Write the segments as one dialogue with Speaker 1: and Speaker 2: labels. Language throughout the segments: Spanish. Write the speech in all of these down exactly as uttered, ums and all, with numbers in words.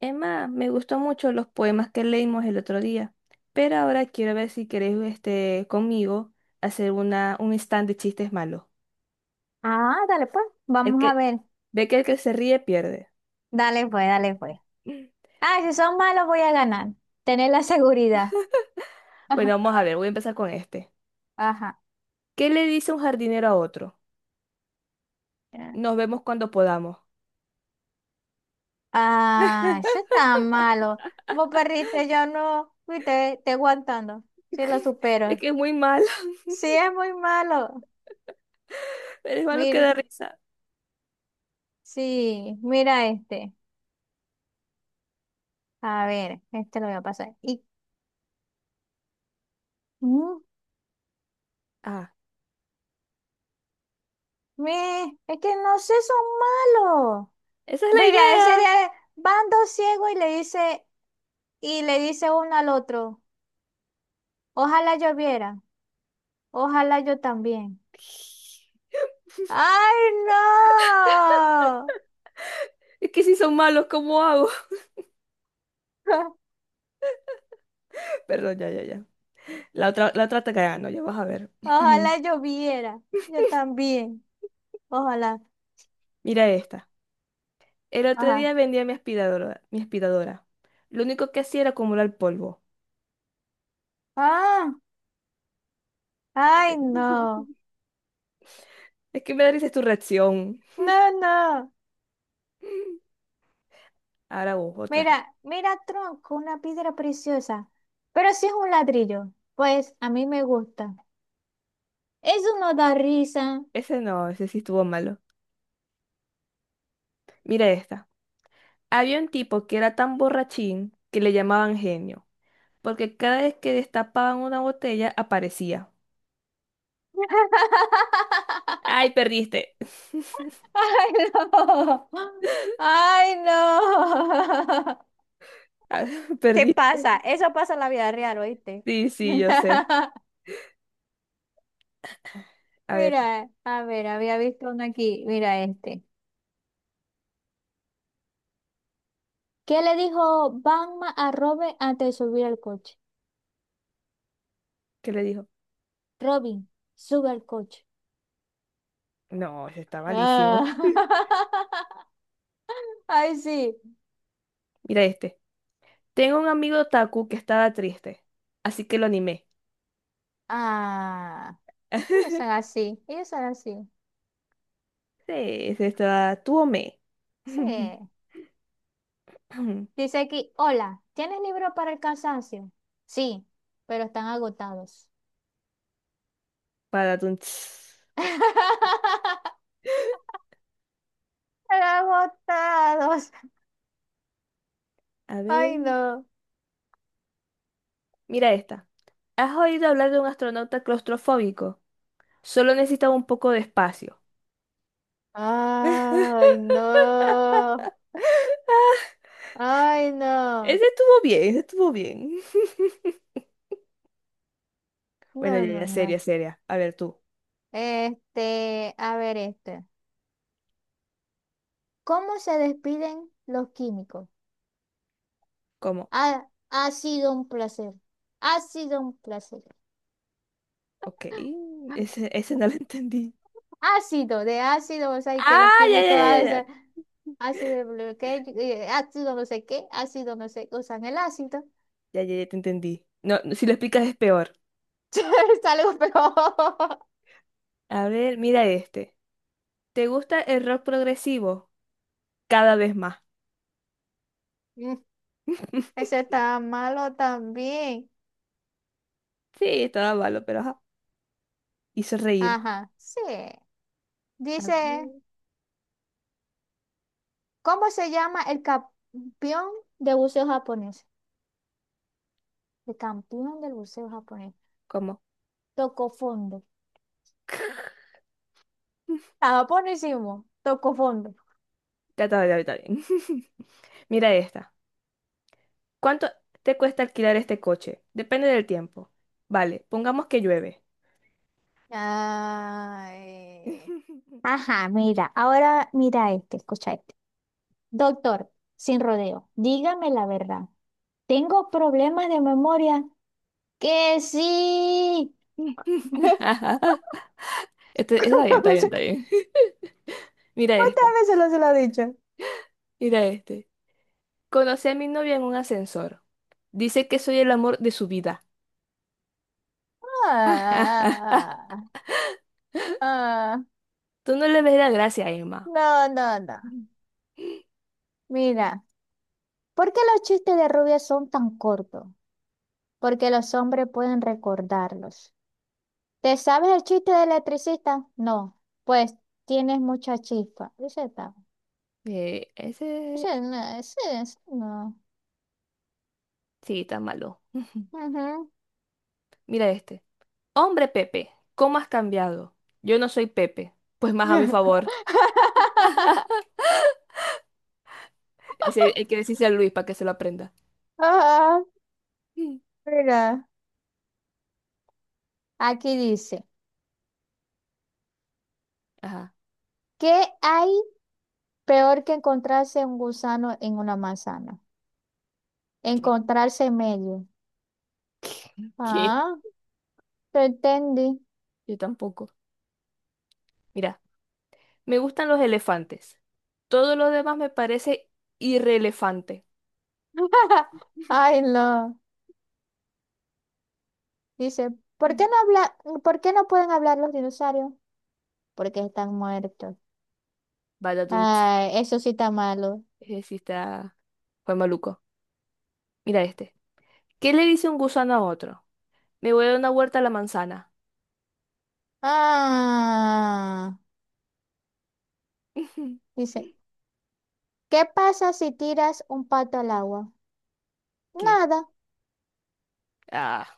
Speaker 1: Emma, me gustó mucho los poemas que leímos el otro día, pero ahora quiero ver si querés este, conmigo hacer una, un stand de chistes malos.
Speaker 2: Ah, dale pues,
Speaker 1: El
Speaker 2: vamos a
Speaker 1: que
Speaker 2: ver.
Speaker 1: ve que el que se ríe pierde.
Speaker 2: Dale pues, dale pues. Ah, si son malos voy a ganar. Tener la seguridad.
Speaker 1: Bueno,
Speaker 2: Ajá.
Speaker 1: vamos a ver, voy a empezar con este.
Speaker 2: Ajá.
Speaker 1: ¿Qué le dice un jardinero a otro? Nos vemos cuando podamos.
Speaker 2: Ah, eso está malo. Vos perdiste, yo no. Viste, te aguantando. Sí, lo
Speaker 1: Es
Speaker 2: supero.
Speaker 1: que es muy malo,
Speaker 2: Sí, es muy malo.
Speaker 1: pero es malo que
Speaker 2: Mira,
Speaker 1: da risa.
Speaker 2: sí, mira este. A ver, este lo voy a pasar. Y, mm,
Speaker 1: Ah,
Speaker 2: me, es que no sé, son malos.
Speaker 1: esa es la
Speaker 2: Mira, ese
Speaker 1: idea.
Speaker 2: de van dos ciegos y le dice, y le dice uno al otro. Ojalá lloviera. Ojalá yo también. ¡Ay, no!
Speaker 1: Es que si son malos, ¿cómo hago? Perdón, ya, ya, ya. La otra, la otra te gano, ya vas a ver.
Speaker 2: Ojalá lloviera. Yo también. Ojalá.
Speaker 1: Mira esta. El otro
Speaker 2: Ajá.
Speaker 1: día vendía mi aspiradora, mi aspiradora. Lo único que hacía era acumular polvo.
Speaker 2: Ah,
Speaker 1: Ent-
Speaker 2: ay, no.
Speaker 1: Es que me da risa tu reacción.
Speaker 2: No, no.
Speaker 1: Ahora vos, otra.
Speaker 2: Mira, mira, tronco, una piedra preciosa. Pero si es un ladrillo, pues a mí me gusta. Eso no da risa.
Speaker 1: Ese no, ese sí estuvo malo. Mira esta. Había un tipo que era tan borrachín que le llamaban genio, porque cada vez que destapaban una botella aparecía. ¡Ay, perdiste!
Speaker 2: ¡Ay, no! ¡Ay, no!
Speaker 1: Ah,
Speaker 2: Se
Speaker 1: perdiste.
Speaker 2: pasa, eso pasa en la vida real, ¿oíste?
Speaker 1: Sí, sí, yo sé. A ver,
Speaker 2: Mira, a ver, había visto uno aquí, mira este. ¿Qué le dijo Batman a Robin antes de subir al coche?
Speaker 1: ¿qué le dijo?
Speaker 2: Robin, sube al coche.
Speaker 1: No, ese está malísimo.
Speaker 2: Ah. Ay, sí.
Speaker 1: Mira este. Tengo un amigo Taku que estaba triste, así que lo animé.
Speaker 2: Ah, ellos son así, ellos son así.
Speaker 1: Sí, se está tuome.
Speaker 2: Sí. Dice aquí, hola, ¿tienes libro para el cansancio? Sí, pero están agotados.
Speaker 1: Para tu...
Speaker 2: Están agotados.
Speaker 1: A ver,
Speaker 2: Ay, no.
Speaker 1: mira esta. ¿Has oído hablar de un astronauta claustrofóbico? Solo necesitaba un poco de espacio.
Speaker 2: Ay, no. Ay, no.
Speaker 1: Ese estuvo bien, ese estuvo bien. Bueno,
Speaker 2: No,
Speaker 1: ya,
Speaker 2: no,
Speaker 1: ya, seria,
Speaker 2: no.
Speaker 1: seria. A ver tú,
Speaker 2: Este, a ver este. ¿Cómo se despiden los químicos?
Speaker 1: ¿cómo?
Speaker 2: Ha, ha sido un placer. Ha sido un placer.
Speaker 1: Ok, ese, ese no lo entendí.
Speaker 2: Ácido, de ácido, o sea, y que los
Speaker 1: Ah, ya, ya,
Speaker 2: químicos
Speaker 1: ya, ya, ya,
Speaker 2: hacen ácido, de bloque- eh, ácido no sé qué, ácido no sé, usan el ácido.
Speaker 1: ya, ya, ya te entendí. No, no, si lo explicas es peor.
Speaker 2: Es algo peor.
Speaker 1: A ver, mira este. ¿Te gusta el rock progresivo? Cada vez más.
Speaker 2: Mm, Ese está malo también.
Speaker 1: Sí, estaba malo, pero ajá. Hizo reír.
Speaker 2: Ajá, sí.
Speaker 1: A
Speaker 2: Dice,
Speaker 1: ver,
Speaker 2: ¿cómo se llama el campeón de buceo japonés? El campeón del buceo japonés.
Speaker 1: ¿cómo?
Speaker 2: Tocó fondo. Estaba buenísimo. Tocó fondo.
Speaker 1: Trataba de ahorita bien. Mira esta. ¿Cuánto te cuesta alquilar este coche? Depende del tiempo. Vale, pongamos que llueve.
Speaker 2: Ay. Ajá, mira, ahora mira este, escucha este. Doctor, sin rodeo, dígame la verdad. ¿Tengo problemas de memoria? Que sí.
Speaker 1: Este, está bien,
Speaker 2: ¿Cuántas
Speaker 1: está bien,
Speaker 2: veces,
Speaker 1: está bien. Mira
Speaker 2: cuántas
Speaker 1: esta,
Speaker 2: veces lo se lo he dicho?
Speaker 1: mira este. Conocí a mi novia en un ascensor. Dice que soy el amor de su vida.
Speaker 2: Ah, ah,
Speaker 1: Tú no le ves la gracia, Emma.
Speaker 2: no, no, no. Mira, ¿por qué los chistes de rubia son tan cortos? Porque los hombres pueden recordarlos. ¿Te sabes el chiste del electricista? No. Pues tienes mucha chispa. Ese está.
Speaker 1: Eh, ese.
Speaker 2: Ese no, ese, ese no.
Speaker 1: Sí, está malo.
Speaker 2: Ujú.
Speaker 1: Mira este. Hombre Pepe, ¿cómo has cambiado? Yo no soy Pepe, pues más a mi favor. Ese hay que decirse a Luis para que se lo aprenda.
Speaker 2: Ah,
Speaker 1: Mm.
Speaker 2: mira, aquí dice,
Speaker 1: Ajá.
Speaker 2: ¿qué hay peor que encontrarse un gusano en una manzana?
Speaker 1: ¿Qué?
Speaker 2: Encontrarse en medio.
Speaker 1: ¿Qué?
Speaker 2: Ah, te entendí.
Speaker 1: Yo tampoco. Mira, me gustan los elefantes. Todo lo demás me parece irrelevante.
Speaker 2: Ay, no. Dice, ¿por qué
Speaker 1: Mm.
Speaker 2: no habla, ¿por qué no pueden hablar los dinosaurios? Porque están muertos.
Speaker 1: Vaya tunt.
Speaker 2: Ay, eso sí está malo.
Speaker 1: Ese sí está... Fue maluco. Mira este. ¿Qué le dice un gusano a otro? Me voy a dar una vuelta a la manzana.
Speaker 2: Ah, dice, ¿qué pasa si tiras un pato al agua?
Speaker 1: ¿Qué?
Speaker 2: Nada,
Speaker 1: Ah.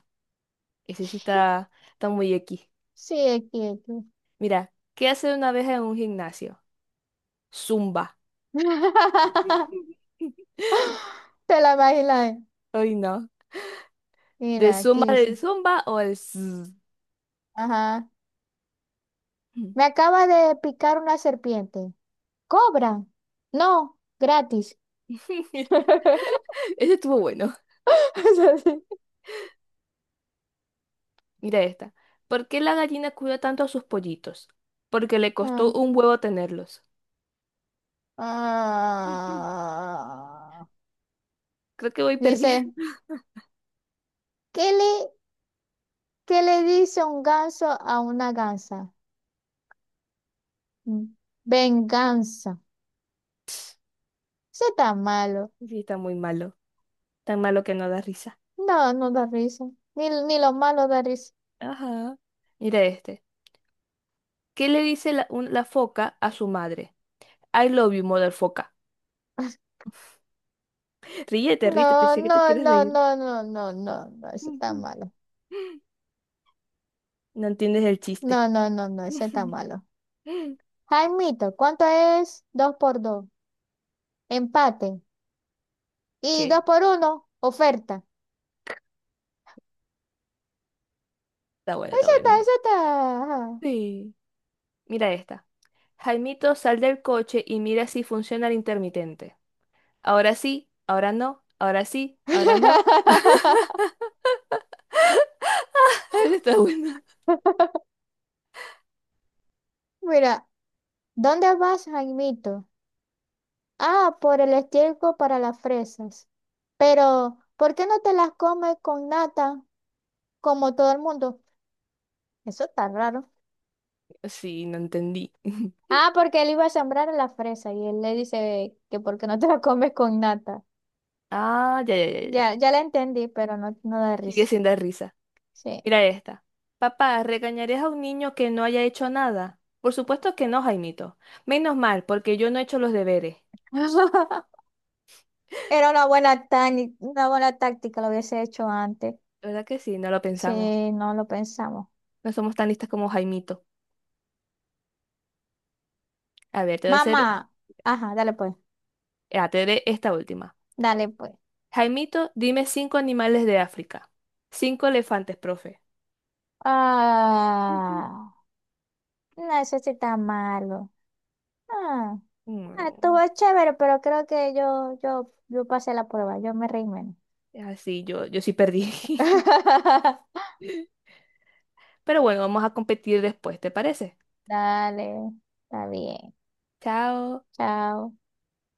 Speaker 1: Ese sí está, está muy X.
Speaker 2: sigue quieto.
Speaker 1: Mira, ¿qué hace una abeja en un gimnasio? Zumba.
Speaker 2: Te la imaginas.
Speaker 1: Ay, no. ¿De
Speaker 2: Mira, aquí
Speaker 1: zumba, de
Speaker 2: dice.
Speaker 1: zumba o el zzz?
Speaker 2: Ajá. Me acaba de picar una serpiente. ¿Cobran? No, gratis.
Speaker 1: Ese estuvo bueno.
Speaker 2: Es así.
Speaker 1: Mira esta. ¿Por qué la gallina cuida tanto a sus pollitos? Porque le
Speaker 2: Ah.
Speaker 1: costó un huevo tenerlos.
Speaker 2: Ah.
Speaker 1: Creo que voy perdiendo.
Speaker 2: Dice, ¿qué le, ¿qué le dice un ganso a una gansa? Mm, Venganza. Eso está malo.
Speaker 1: Sí, está muy malo. Tan malo que no da risa.
Speaker 2: No, no da risa. Ni, ni lo malo da risa.
Speaker 1: Ajá. Mira este. ¿Qué le dice la, un- la foca a su madre? I love you, mother foca. Ríete, ríete, te
Speaker 2: No,
Speaker 1: sé que te
Speaker 2: no,
Speaker 1: quieres
Speaker 2: no,
Speaker 1: reír.
Speaker 2: no, no, no, no, no, ese está malo.
Speaker 1: No entiendes el chiste.
Speaker 2: No, no, no, no, ese está malo. Jaimito, ¿cuánto es dos por dos? Empate. Y
Speaker 1: ¿Qué?
Speaker 2: dos por uno, oferta.
Speaker 1: Está buena, está
Speaker 2: Esa
Speaker 1: buena.
Speaker 2: está, esa está. Ajá.
Speaker 1: Sí. Mira esta. Jaimito, sal del coche y mira si funciona el intermitente. Ahora sí, ahora no, ahora sí, ahora no. Está buena.
Speaker 2: Mira, ¿dónde vas, Jaimito? Ah, por el estiércol para las fresas. Pero, ¿por qué no te las comes con nata como todo el mundo? Eso está raro.
Speaker 1: Sí, no entendí.
Speaker 2: Ah, porque él iba a sembrar las fresas y él le dice que por qué no te las comes con nata.
Speaker 1: Ah, ya, ya, ya, ya.
Speaker 2: Ya, ya la entendí, pero no, no da
Speaker 1: Sigue
Speaker 2: risa.
Speaker 1: siendo de risa.
Speaker 2: Sí.
Speaker 1: Mira esta. Papá, ¿regañarías a un niño que no haya hecho nada? Por supuesto que no, Jaimito. Menos mal, porque yo no he hecho los deberes.
Speaker 2: Era una buena, tani- una buena táctica, lo hubiese hecho antes.
Speaker 1: ¿Verdad que sí? No lo
Speaker 2: Sí,
Speaker 1: pensamos.
Speaker 2: no lo pensamos.
Speaker 1: No somos tan listas como Jaimito. A ver, te voy a hacer,
Speaker 2: Mamá, ajá, dale pues,
Speaker 1: ah, te haré esta última.
Speaker 2: dale pues.
Speaker 1: Jaimito, dime cinco animales de África. Cinco elefantes, profe.
Speaker 2: Ah, no, eso sí está malo. Ah, ah, estuvo
Speaker 1: Mm,
Speaker 2: chévere, pero creo que yo, yo, yo pasé la prueba, yo me reí menos.
Speaker 1: así, yo, yo sí perdí. Pero bueno, vamos a competir después, ¿te parece?
Speaker 2: Dale, está bien,
Speaker 1: Chao.
Speaker 2: chao.